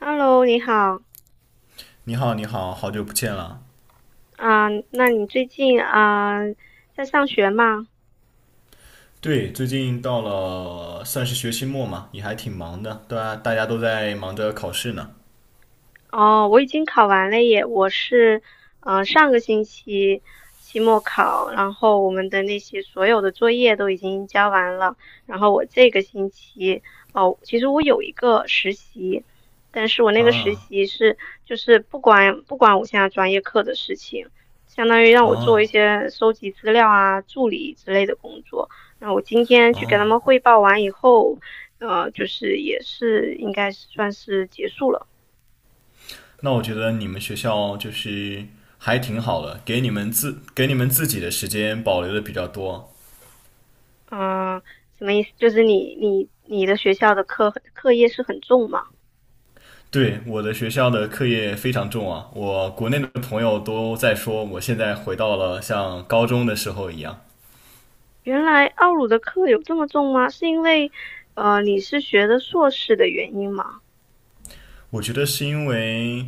Hello，你好你好，你好，好久不见了。啊，那你最近啊在上学吗？对，最近到了算是学期末嘛，也还挺忙的，对啊，大家都在忙着考试呢。哦，我已经考完了耶。我是上个星期期末考，然后我们的那些所有的作业都已经交完了。然后我这个星期哦，其实我有一个实习，但是我那个实啊，习是就是不管我现在专业课的事情，相当于让我做一哦，些收集资料啊、助理之类的工作。那我今天去给他哦，们汇报完以后，就是也是应该是算是结束了。那我觉得你们学校就是还挺好的，给你们自己的时间保留的比较多。嗯，什么意思？就是你的学校的课业是很重吗？对，我的学校的课业非常重啊，我国内的朋友都在说，我现在回到了像高中的时候一样。原来奥鲁的课有这么重吗？是因为你是学的硕士的原因吗？我觉得是因为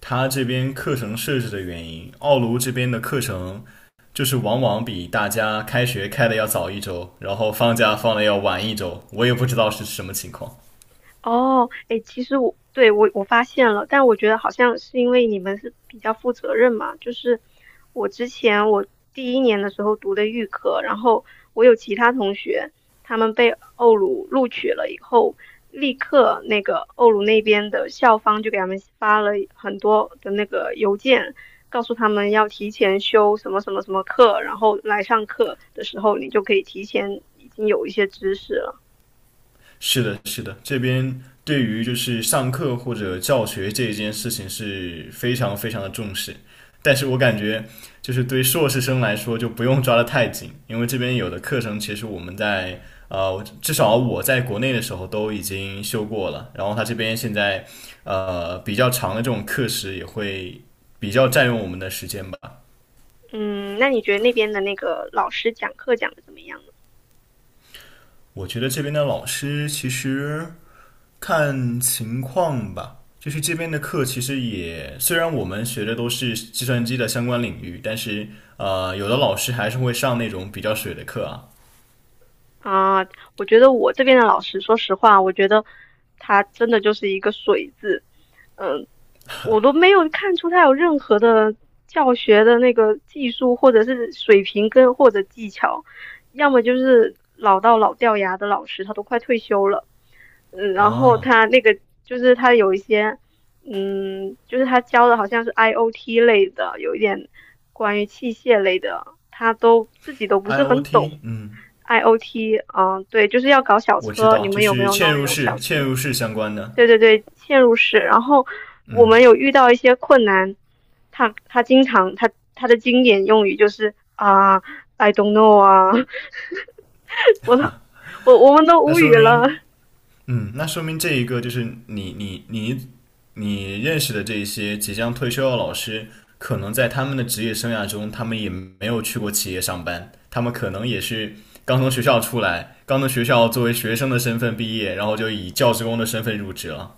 他这边课程设置的原因，奥卢这边的课程就是往往比大家开学开的要早一周，然后放假放的要晚一周，我也不知道是什么情况。哦，哎，其实我对我我发现了，但我觉得好像是因为你们是比较负责任嘛。就是我之前我第一年的时候读的预科，然后我有其他同学，他们被欧鲁录取了以后，立刻那个欧鲁那边的校方就给他们发了很多的那个邮件，告诉他们要提前修什么什么什么课，然后来上课的时候你就可以提前已经有一些知识了。是的，是的，这边对于就是上课或者教学这一件事情是非常非常的重视，但是我感觉就是对硕士生来说就不用抓得太紧，因为这边有的课程其实我们在呃至少我在国内的时候都已经修过了，然后他这边现在比较长的这种课时也会比较占用我们的时间吧。嗯，那你觉得那边的那个老师讲课讲的怎么样呢？我觉得这边的老师其实看情况吧，就是这边的课其实也，虽然我们学的都是计算机的相关领域，但是有的老师还是会上那种比较水的课啊。啊，我觉得我这边的老师，说实话，我觉得他真的就是一个水字。嗯，我都没有看出他有任何的教学的那个技术或者是水平跟或者技巧，要么就是老到老掉牙的老师，他都快退休了。嗯，然后啊他那个就是他有一些，嗯，就是他教的好像是 IOT 类的，有一点关于器械类的，他都自己都不是很，IOT,懂。嗯，IOT，啊，对，就是要搞小我知车，道，你就们有没是有弄嵌那入种式、小车？嵌入式相关的，对对对，嵌入式。然后我嗯，们有遇到一些困难。他经常他的经典用语就是啊，I don't know 啊，我都我们都那无说语了。明那说明这一个就是你认识的这一些即将退休的老师，可能在他们的职业生涯中，他们也没有去过企业上班，他们可能也是刚从学校出来，刚从学校作为学生的身份毕业，然后就以教职工的身份入职了。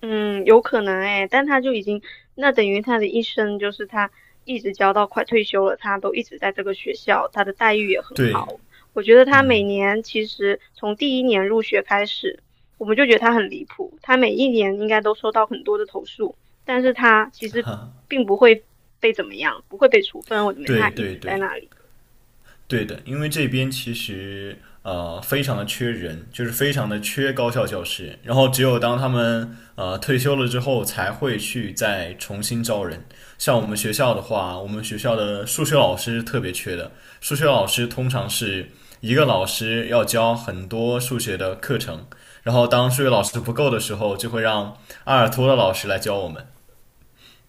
嗯，有可能哎，但他就已经，那等于他的一生就是他一直教到快退休了，他都一直在这个学校，他的待遇也很对，好。我觉得他每嗯，年其实从第一年入学开始，我们就觉得他很离谱，他每一年应该都收到很多的投诉，但是他其实哈，并不会被怎么样，不会被处分，我认为他对一对直在对，那里。对的，因为这边其实非常的缺人，就是非常的缺高校教师，然后只有当他们退休了之后，才会去再重新招人。像我们学校的话，我们学校的数学老师特别缺的，数学老师通常是一个老师要教很多数学的课程，然后当数学老师不够的时候，就会让阿尔托的老师来教我们。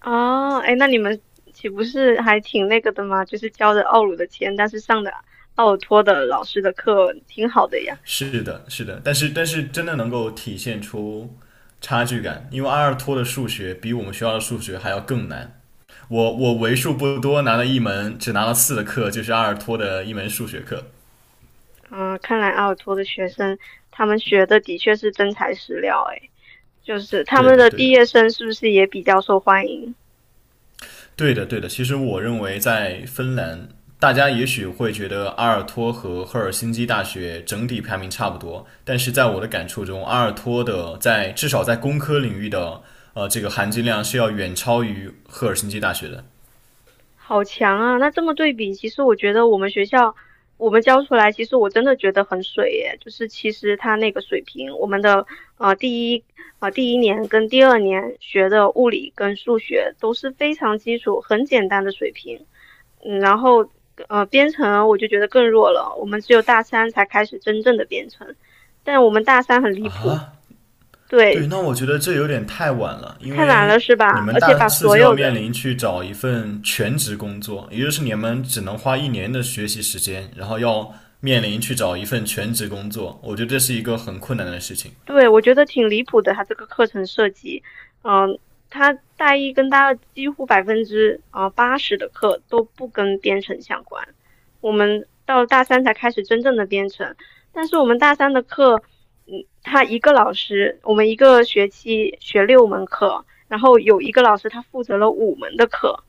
哦，哎，那你们岂不是还挺那个的吗？就是交着奥鲁的钱，但是上的奥尔托的老师的课，挺好的呀。是的，是的，但是真的能够体现出差距感，因为阿尔托的数学比我们学校的数学还要更难。我为数不多拿了一门只拿了四的课，就是阿尔托的一门数学课。嗯，看来澳洲的学生他们学的的确是真材实料。诶，就是他对们的，的对毕的，业生是不是也比较受欢迎？对的，对的。其实我认为在芬兰，大家也许会觉得阿尔托和赫尔辛基大学整体排名差不多，但是在我的感触中，阿尔托的在至少在工科领域的这个含金量是要远超于赫尔辛基大学的。好强啊！那这么对比，其实我觉得我们学校我们教出来，其实我真的觉得很水耶。就是其实他那个水平，我们的呃第一第一年跟第二年学的物理跟数学都是非常基础、很简单的水平。嗯，然后编程我就觉得更弱了，我们只有大三才开始真正的编程，但我们大三很离谱。对，对，那我觉得这有点太晚了，因太晚为了是你吧？们而且大把四所就要有的面临去找一份全职工作，也就是你们只能花1年的学习时间，然后要面临去找一份全职工作，我觉得这是一个很困难的事情对，我觉得挺离谱的，他这个课程设计。嗯，他大一跟大二几乎百分之80的课都不跟编程相关，我们到了大三才开始真正的编程。但是我们大三的课，嗯，他一个老师，我们一个学期学六门课，然后有一个老师他负责了五门的课，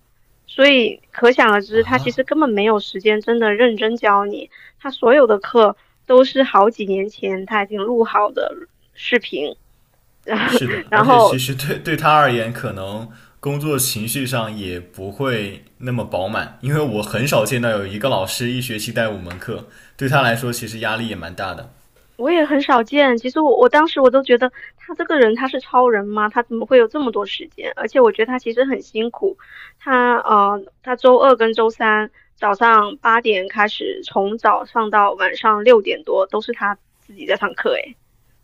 所以可想而知，他其实啊。根本没有时间真的认真教你。他所有的课都是好几年前他已经录好的视频，然后是的，然而且其后实对他而言，可能工作情绪上也不会那么饱满，因为我很少见到有一个老师1学期带5门课，对他来说其实压力也蛮大的。我也很少见。其实我我当时我都觉得他这个人他是超人吗？他怎么会有这么多时间？而且我觉得他其实很辛苦。他周二跟周三早上8点开始，从早上到晚上6点多都是他自己在上课。诶，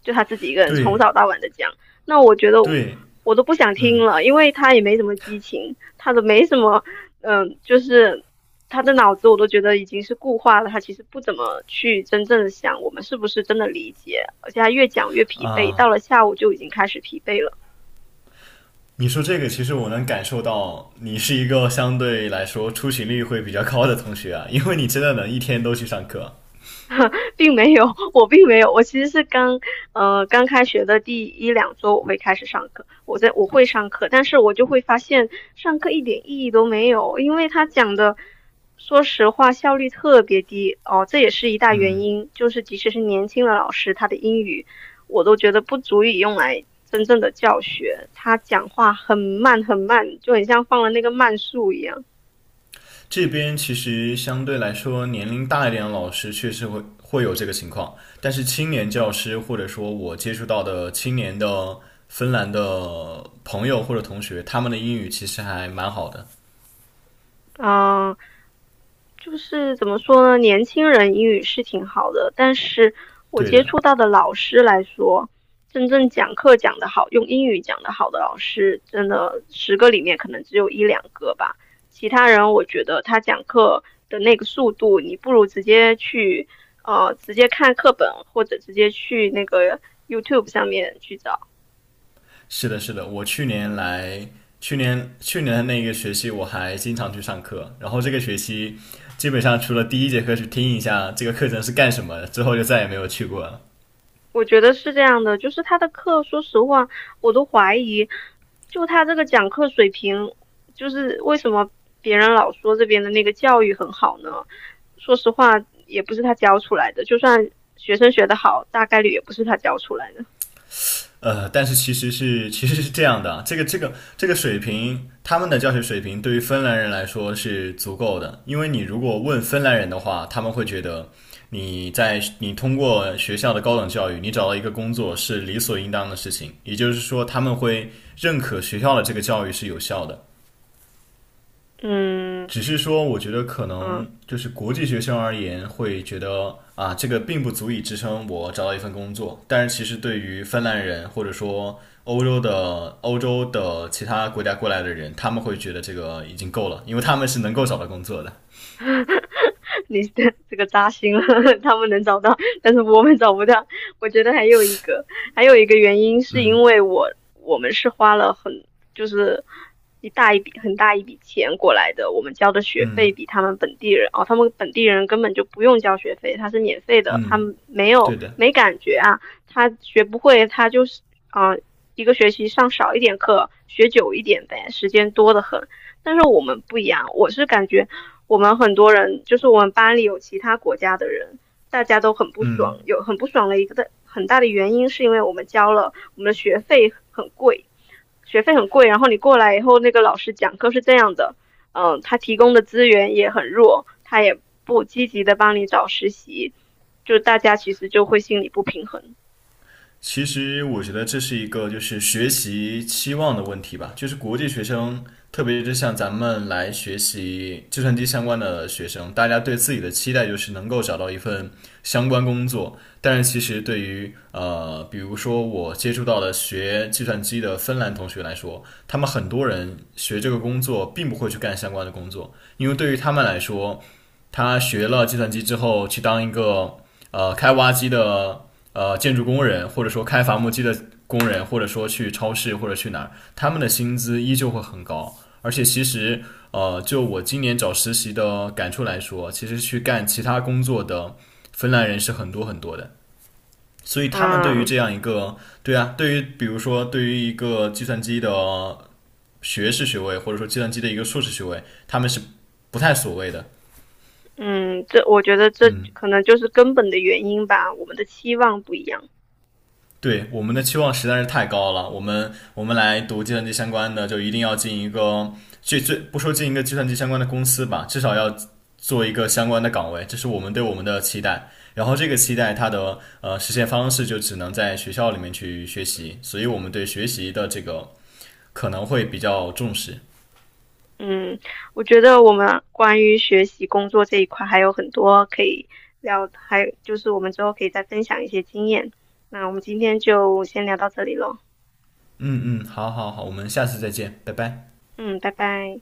就他自己一个人从对早到晚的讲。那我觉得对，我都不想听了，因为他也没什么激情，他都没什么嗯，就是他的脑子我都觉得已经是固化了，他其实不怎么去真正的想我们是不是真的理解，而且他越讲越疲惫，到了下午就已经开始疲惫了。你说这个，其实我能感受到你是一个相对来说出勤率会比较高的同学啊，因为你真的能一天都去上课。并没有，我并没有。我其实是刚开学的第一两周我会开始上课，我会上课，但是我就会发现上课一点意义都没有，因为他讲的，说实话效率特别低哦，这也是一大原因。就是即使是年轻的老师，他的英语我都觉得不足以用来真正的教学，他讲话很慢很慢，就很像放了那个慢速一样。这边其实相对来说年龄大一点的老师确实会有这个情况，但是青年教师或者说我接触到的青年的芬兰的朋友或者同学，他们的英语其实还蛮好的。嗯、就是怎么说呢，年轻人英语是挺好的，但是我对接的，触到的老师来说，真正讲课讲得好，用英语讲得好的老师，真的10个里面可能只有一两个吧。其他人，我觉得他讲课的那个速度，你不如直接去直接看课本，或者直接去那个 YouTube 上面去找。是的，是的，我去年来，去年去年的那个学期我还经常去上课，然后这个学期基本上除了第一节课去听一下这个课程是干什么，之后就再也没有去过了。我觉得是这样的，就是他的课，说实话，我都怀疑，就他这个讲课水平，就是为什么别人老说这边的那个教育很好呢？说实话，也不是他教出来的，就算学生学得好，大概率也不是他教出来的。但是其实是这样的啊这个水平，他们的教学水平对于芬兰人来说是足够的，因为你如果问芬兰人的话，他们会觉得你通过学校的高等教育，你找到一个工作是理所应当的事情，也就是说他们会认可学校的这个教育是有效的。嗯只是说，我觉得可嗯。能就是国际学生而言，会觉得啊，这个并不足以支撑我找到一份工作。但是其实对于芬兰人或者说欧洲的其他国家过来的人，他们会觉得这个已经够了，因为他们是能够找到工作的。你这个扎心了，他们能找到，但是我们找不到。我觉得还有一个，还有一个原因是因为我们是花了很就是一大一笔很大一笔钱过来的。我们交的学费比他们本地人哦，他们本地人根本就不用交学费，他是免费的，他嗯，们没有对的。没感觉啊。他学不会，他就是啊、一个学期上少一点课，学久一点呗，时间多得很。但是我们不一样，我是感觉我们很多人，就是我们班里有其他国家的人，大家都很不爽，有很不爽的一个的很大的原因是因为我们交了我们的学费很贵，学费很贵，然后你过来以后，那个老师讲课是这样的。嗯，他提供的资源也很弱，他也不积极的帮你找实习，就大家其实就会心里不平衡。其实我觉得这是一个就是学习期望的问题吧，就是国际学生，特别是像咱们来学习计算机相关的学生，大家对自己的期待就是能够找到一份相关工作。但是其实对于比如说我接触到的学计算机的芬兰同学来说，他们很多人学这个工作并不会去干相关的工作，因为对于他们来说，他学了计算机之后去当一个开挖机的建筑工人，或者说开伐木机的工人，或者说去超市或者去哪儿，他们的薪资依旧会很高。而且其实就我今年找实习的感触来说，其实去干其他工作的芬兰人是很多很多的。所以他们对于嗯这样一个，对啊，对于比如说对于一个计算机的学士学位，或者说计算机的一个硕士学位，他们是不太所谓的。嗯，这我觉得这嗯。可能就是根本的原因吧，我们的期望不一样。对，我们的期望实在是太高了。我们来读计算机相关的，就一定要进一个最不说进一个计算机相关的公司吧，至少要做一个相关的岗位，这是我们对我们的期待。然后这个期待它的实现方式就只能在学校里面去学习，所以我们对学习的这个可能会比较重视。嗯，我觉得我们关于学习、工作这一块还有很多可以聊，还有就是我们之后可以再分享一些经验。那我们今天就先聊到这里喽。嗯嗯，好好好，我们下次再见，拜拜。嗯，拜拜。